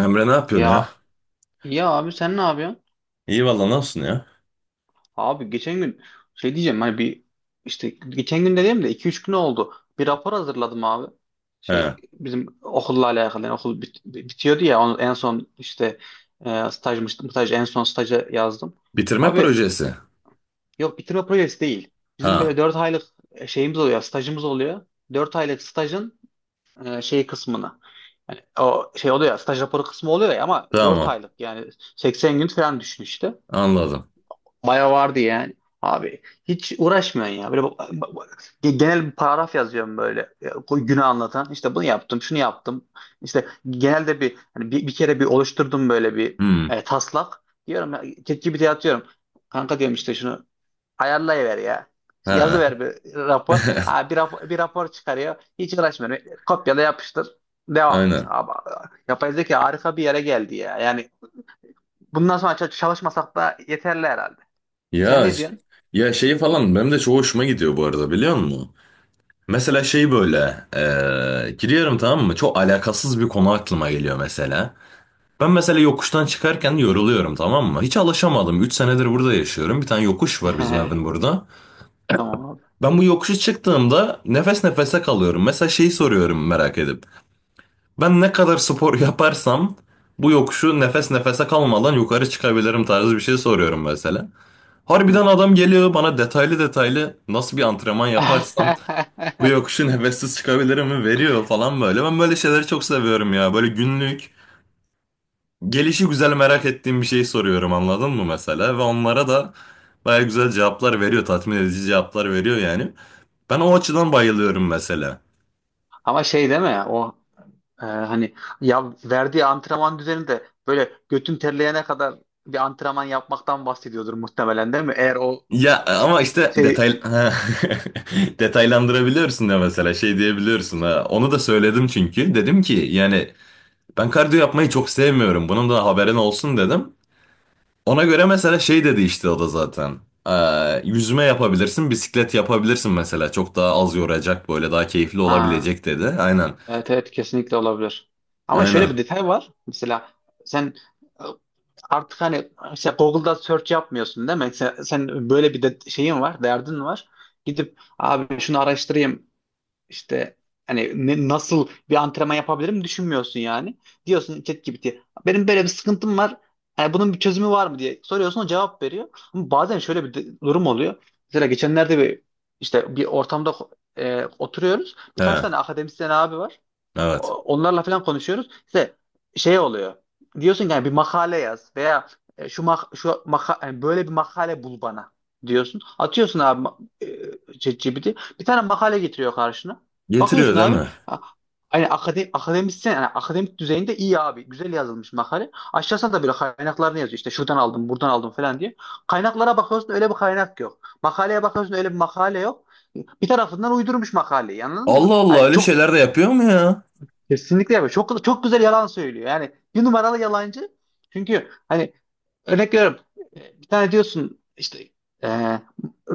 Emre ne yapıyorsun ya? Ya ya abi sen ne yapıyorsun? İyi valla ne olsun ya? Abi geçen gün şey diyeceğim hani bir işte geçen gün dediğim de 2-3 gün oldu. Bir rapor hazırladım abi. He. Şey bizim okulla alakalı, yani okul bitiyordu ya, onu en son işte stajmış, staj, en son staja yazdım. Bitirme Abi projesi. yok, bitirme projesi değil. Bizim böyle Ha. 4 aylık şeyimiz oluyor, stajımız oluyor. 4 aylık stajın şey kısmını. Yani o şey oluyor ya, staj raporu kısmı oluyor ya, ama 4 Tamam. aylık yani 80 gün falan düşün işte. Anladım. Baya vardı yani. Abi hiç uğraşmıyorsun ya. Böyle genel bir paragraf yazıyorum böyle. Ya, o günü anlatan. İşte bunu yaptım, şunu yaptım. İşte genelde bir, hani bir, bir kere oluşturdum böyle bir Hmm. Taslak. Diyorum ya, ChatGPT'ye atıyorum. Kanka diyorum, işte şunu ayarlayıver ya. Yazı Ha. ver, bir rapor. Ha, bir rapor çıkarıyor. Hiç uğraşmıyorum. E, kopyala yapıştır. Devam et. Aynen. Abi, yapay zeka harika bir yere geldi ya. Yani bundan sonra çalışmasak da yeterli herhalde. Sen Ya ne ş- diyorsun? ya şeyi falan benim de çok hoşuma gidiyor bu arada biliyor musun? Mesela şey böyle giriyorum tamam mı? Çok alakasız bir konu aklıma geliyor mesela. Ben mesela yokuştan çıkarken yoruluyorum tamam mı? Hiç alışamadım. 3 senedir burada yaşıyorum. Bir tane yokuş var bizim evin burada. Tamam abi. Ben bu yokuşu çıktığımda nefes nefese kalıyorum. Mesela şeyi soruyorum merak edip. Ben ne kadar spor yaparsam bu yokuşu nefes nefese kalmadan yukarı çıkabilirim tarzı bir şey soruyorum mesela. Hı. Harbiden adam geliyor bana detaylı detaylı nasıl bir antrenman yaparsam bu yokuşu nefessiz çıkabilirim mi veriyor falan böyle. Ben böyle şeyleri çok seviyorum ya. Böyle günlük gelişi güzel merak ettiğim bir şey soruyorum anladın mı mesela? Ve onlara da baya güzel cevaplar veriyor. Tatmin edici cevaplar veriyor yani. Ben o açıdan bayılıyorum mesela. Ama şey değil mi? O hani, ya verdiği antrenman düzeni de böyle götün terleyene kadar bir antrenman yapmaktan bahsediyordur muhtemelen, değil mi? Eğer o Ya so- ama işte şey, detay. Ha. Detaylandırabiliyorsun ya mesela şey diyebiliyorsun ha. Onu da söyledim çünkü dedim ki yani ben kardiyo yapmayı çok sevmiyorum. Bunun da haberin olsun dedim. Ona göre mesela şey dedi işte o da zaten. Yüzme yapabilirsin, bisiklet yapabilirsin mesela. Çok daha az yoracak böyle daha keyifli ha, olabilecek dedi. Aynen. evet evet, kesinlikle olabilir. Ama Aynen. şöyle bir detay var. Mesela sen e, artık hani işte Google'da search yapmıyorsun değil mi? Sen böyle bir de şeyin var, derdin var. Gidip abi şunu araştırayım İşte hani nasıl bir antrenman yapabilirim düşünmüyorsun yani. Diyorsun ChatGPT, benim böyle bir sıkıntım var. Hani bunun bir çözümü var mı diye soruyorsun, o cevap veriyor. Ama bazen şöyle bir durum oluyor. Mesela geçenlerde bir işte bir ortamda oturuyoruz. Birkaç He. tane akademisyen abi var. Evet. Onlarla falan konuşuyoruz. İşte şey oluyor. Diyorsun ki yani bir makale yaz, veya şu maka, yani böyle bir makale bul bana diyorsun. Atıyorsun abi ChatGPT. Bir tane makale getiriyor karşına. Getiriyor Bakıyorsun değil abi, mi? ha, hani akademik, akademisyen yani akademik düzeyinde iyi abi. Güzel yazılmış makale. Aşağısına da böyle kaynaklarını yazıyor. İşte şuradan aldım, buradan aldım falan diye. Kaynaklara bakıyorsun, öyle bir kaynak yok. Makaleye bakıyorsun, öyle bir makale yok. Bir tarafından uydurmuş makaleyi, anladın mı? Allah Allah, Hani öyle çok... şeyler de yapıyor mu ya? Kesinlikle yapıyor. Çok çok güzel yalan söylüyor. Yani bir numaralı yalancı. Çünkü hani, örnek veriyorum, bir tane diyorsun işte, e,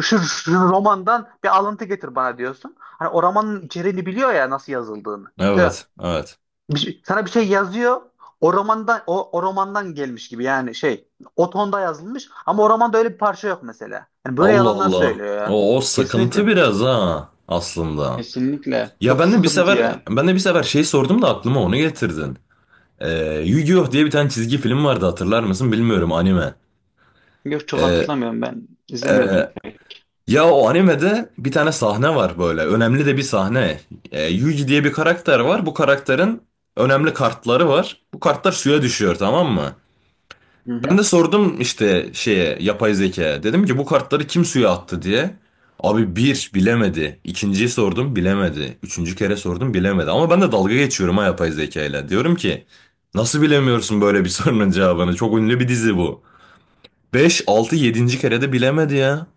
şu romandan bir alıntı getir bana diyorsun. Hani o romanın içeriğini biliyor ya, nasıl yazıldığını. Mesela Evet. Evet. Sana bir şey yazıyor. O romandan, o romandan gelmiş gibi, yani şey, o tonda yazılmış, ama o romanda öyle bir parça yok mesela. Yani böyle Allah yalanlar Allah. söylüyor ya. O sıkıntı Kesinlikle. biraz ha aslında. Kesinlikle. Ya Çok ben de bir sıkıntı sefer ya. ben de bir sefer şey sordum da aklıma onu getirdin. Yu-Gi-Oh diye bir tane çizgi film vardı, hatırlar mısın bilmiyorum, anime. Yok, çok Ee, hatırlamıyorum ben. İzlemiyordum e, pek. ya o animede bir tane sahne var, böyle önemli de bir sahne. Yugi diye bir karakter var, bu karakterin önemli kartları var. Bu kartlar suya düşüyor tamam mı? Hı Ben de hı. sordum işte şeye, yapay zeka. Dedim ki bu kartları kim suya attı diye. Abi bir bilemedi. İkinciyi sordum, bilemedi. Üçüncü kere sordum, bilemedi. Ama ben de dalga geçiyorum ha yapay zekayla. Diyorum ki nasıl bilemiyorsun böyle bir sorunun cevabını? Çok ünlü bir dizi bu. Beş 6 yedinci kere de bilemedi ya.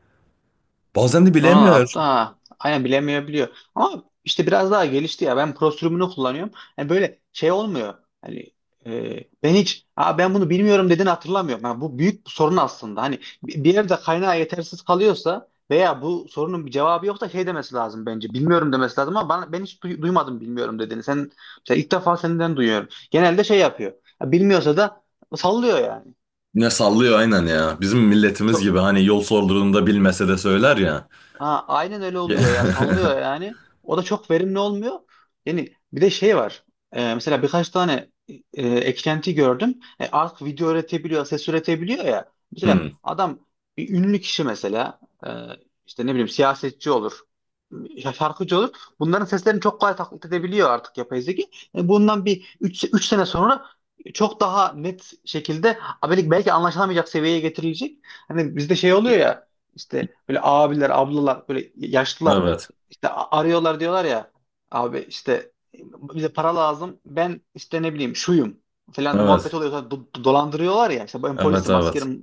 Bazen de Sonra ne bilemiyor. yaptı? Ha, aynen, bilemiyor biliyor. Ama işte biraz daha gelişti ya. Ben Pro sürümünü kullanıyorum. Yani böyle şey olmuyor. Hani e, ben hiç, aa, ben bunu bilmiyorum dediğini hatırlamıyorum. Yani bu büyük bir sorun aslında. Hani bir bir yerde kaynağı yetersiz kalıyorsa veya bu sorunun bir cevabı yoksa şey demesi lazım bence. Bilmiyorum demesi lazım, ama bana, ben hiç duymadım bilmiyorum dediğini. Sen mesela, ilk defa senden duyuyorum. Genelde şey yapıyor. Ya, bilmiyorsa da sallıyor yani. Ne sallıyor aynen ya. Bizim milletimiz Çok... gibi hani yol sorduğunda bilmese de söyler ya. Ha, aynen öyle oluyor ya, sallıyor yani. O da çok verimli olmuyor. Yani bir de şey var. Mesela birkaç tane eklenti gördüm. E, artık video üretebiliyor, ses üretebiliyor ya. Mesela Hmm. adam, bir ünlü kişi mesela, e, işte ne bileyim, siyasetçi olur, ya şarkıcı olur. Bunların seslerini çok kolay taklit edebiliyor artık yapay zeka. E, bundan bir üç sene sonra çok daha net şekilde, belki anlaşılamayacak seviyeye getirilecek. Hani bizde şey oluyor ya, işte böyle abiler, ablalar, böyle yaşlılar Evet. işte arıyorlar, diyorlar ya abi işte bize para lazım. Ben işte ne bileyim, şuyum falan, muhabbet Evet. oluyor. Dolandırıyorlar ya işte, ben Evet. polisim, Evet. askerim.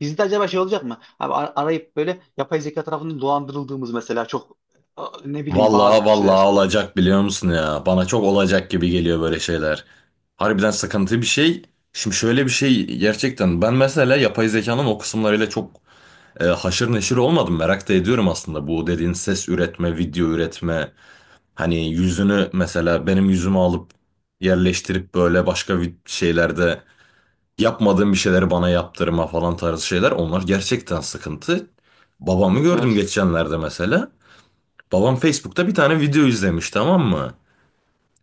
Bizde acaba şey olacak mı? Abi arayıp böyle yapay zeka tarafından dolandırıldığımız mesela, çok ne bileyim, bazı Vallahi vallahi kişiler. olacak, biliyor musun ya? Bana çok olacak gibi geliyor böyle şeyler. Harbiden sıkıntı bir şey. Şimdi şöyle bir şey, gerçekten ben mesela yapay zekanın o kısımlarıyla çok haşır neşir olmadım. Merak da ediyorum aslında bu dediğin ses üretme, video üretme. Hani yüzünü mesela, benim yüzümü alıp yerleştirip böyle başka şeylerde yapmadığım bir şeyleri bana yaptırma falan tarzı şeyler onlar gerçekten sıkıntı. Babamı Evet gördüm evet. geçenlerde mesela. Babam Facebook'ta bir tane video izlemiş tamam mı?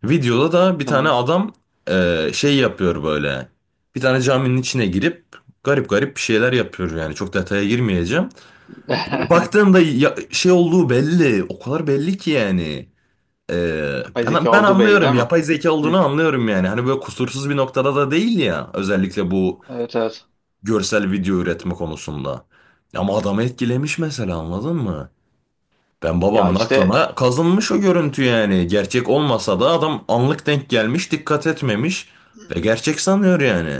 Videoda da bir tane Tamam. adam şey yapıyor böyle. Bir tane caminin içine girip garip garip bir şeyler yapıyor, yani çok detaya girmeyeceğim. Yani baktığımda şey olduğu belli, o kadar belli ki yani. E, Yapay ben, zeka ben olduğu belli anlıyorum, değil mi? yapay zeka Hı, olduğunu anlıyorum yani. Hani böyle kusursuz bir noktada da değil ya, özellikle bu evet evet. görsel video üretme konusunda. Ama adamı etkilemiş mesela, anladın mı? Ben, Ya babamın işte aklına kazınmış o görüntü yani. Gerçek olmasa da adam anlık denk gelmiş, dikkat etmemiş ve gerçek sanıyor yani.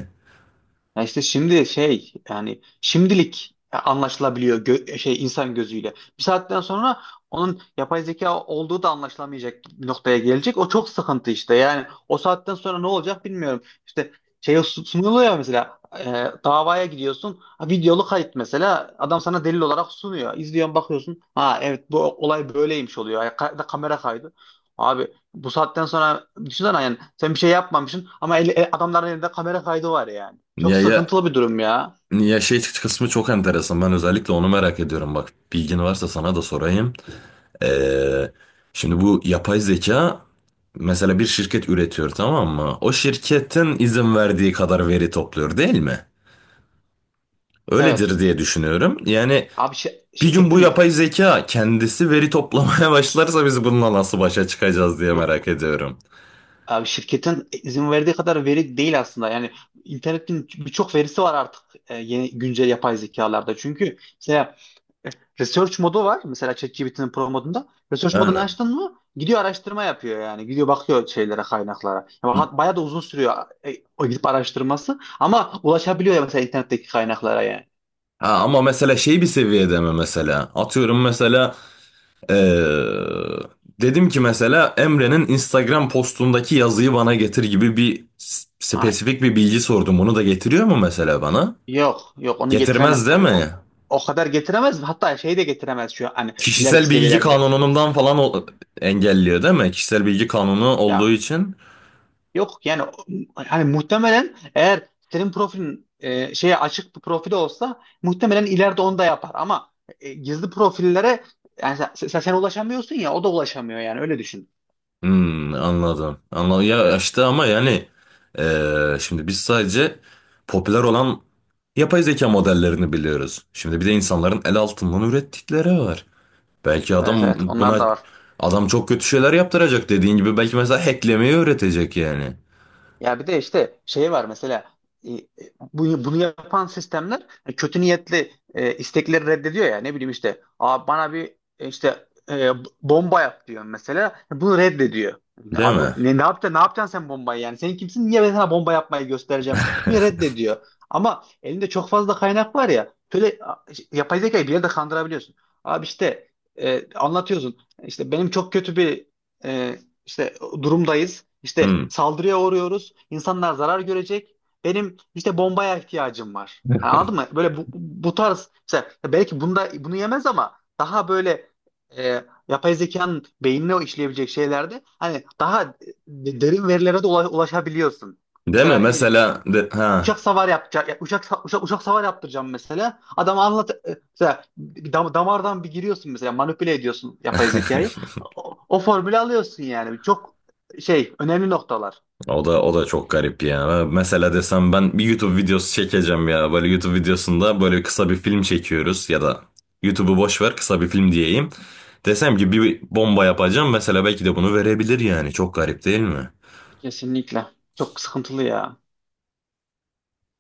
Ya işte şimdi şey, yani şimdilik anlaşılabiliyor, şey, insan gözüyle. Bir saatten sonra onun yapay zeka olduğu da anlaşılamayacak bir noktaya gelecek. O çok sıkıntı işte. Yani o saatten sonra ne olacak bilmiyorum. İşte şey sunuluyor ya, mesela, davaya gidiyorsun. Ha, videolu kayıt mesela, adam sana delil olarak sunuyor. İzliyorsun, bakıyorsun. Ha evet, bu olay böyleymiş oluyor. Ya, da kamera kaydı. Abi bu saatten sonra düşünsene, yani sen bir şey yapmamışsın ama adamların elinde kamera kaydı var yani. Çok Ya ya sıkıntılı bir durum ya. ya şey kısmı çok enteresan. Ben özellikle onu merak ediyorum. Bak bilgin varsa sana da sorayım. Ee, Şimdi bu yapay zeka, mesela bir şirket üretiyor tamam mı? O şirketin izin verdiği kadar veri topluyor değil mi? Evet. Öyledir diye düşünüyorum. Yani Abi bir gün bu şirketin, yapay zeka kendisi veri toplamaya başlarsa biz bununla nasıl başa çıkacağız diye merak yok ediyorum. abi, şirketin izin verdiği kadar veri değil aslında. Yani internetin birçok verisi var artık yeni güncel yapay zekalarda. Çünkü mesela research modu var. Mesela ChatGPT'nin pro modunda. Research modunu Aynen. açtın mı, gidiyor araştırma yapıyor yani. Gidiyor bakıyor şeylere, kaynaklara. Yani bayağı da uzun sürüyor o gidip araştırması. Ama ulaşabiliyor ya mesela internetteki kaynaklara yani. Ha, ama mesela şey bir seviyede mi mesela? Atıyorum mesela eee, dedim ki mesela, Emre'nin Instagram postundaki yazıyı bana getir gibi bir spesifik bir bilgi sordum. Bunu da getiriyor mu mesela bana? Yok yok, onu Getirmez getiremez değil tabii. mi? O, o kadar getiremez. Hatta şey de getiremez şu an, hani ileriki Kişisel bilgi seviyelerde. kanunundan falan engelliyor değil mi? Kişisel bilgi kanunu olduğu Ya için. yok yani o, hani muhtemelen eğer senin profilin şeye açık bir profil olsa, muhtemelen ileride onu da yapar, ama gizli profillere, yani sen ulaşamıyorsun ya, o da ulaşamıyor yani, öyle düşün. Hmm, anladım. Anladım. Ya işte ama yani şimdi biz sadece popüler olan yapay zeka modellerini biliyoruz. Şimdi bir de insanların el altından ürettikleri var. Belki Evet adam evet, onlar buna da var. adam çok kötü şeyler yaptıracak dediğin gibi, belki mesela hacklemeyi öğretecek yani. Ya bir de işte şey var mesela, e, e, bunu yapan sistemler, kötü niyetli istekleri reddediyor ya. Ne bileyim işte, aa, bana bir, bomba yap diyor mesela. E, bunu reddediyor. Değil Abi mi? Ne yapacaksın, ne yapacaksın sen bombayı, yani sen kimsin, niye ben sana bomba yapmayı göstereceğim mi, reddediyor. Ama elinde çok fazla kaynak var ya. Şöyle işte, yapay zekayı bir yerde kandırabiliyorsun. Abi işte, anlatıyorsun işte, benim çok kötü bir e, işte durumdayız. İşte Hmm. saldırıya uğruyoruz. İnsanlar zarar görecek. Benim işte bombaya ihtiyacım var. Yani anladın mı? Böyle bu tarz mesela, belki bunda bunu yemez, ama daha böyle yapay zekanın beynine işleyebilecek şeylerde hani daha derin verilere de ulaşabiliyorsun. Değil mi? Mesela ne bileyim, Mesela de, ha. uçak savar yapacak. Uçak savar yaptıracağım mesela. Adam anlat, mesela bir damardan bir giriyorsun mesela, manipüle ediyorsun yapay zekayı. O formülü alıyorsun yani. Çok şey, önemli noktalar. O da çok garip ya. Mesela desem ben bir YouTube videosu çekeceğim ya. Böyle YouTube videosunda böyle kısa bir film çekiyoruz, ya da YouTube'u boş ver, kısa bir film diyeyim. Desem ki bir bomba yapacağım mesela, belki de bunu verebilir yani. Çok garip değil mi? Kesinlikle. Çok sıkıntılı ya.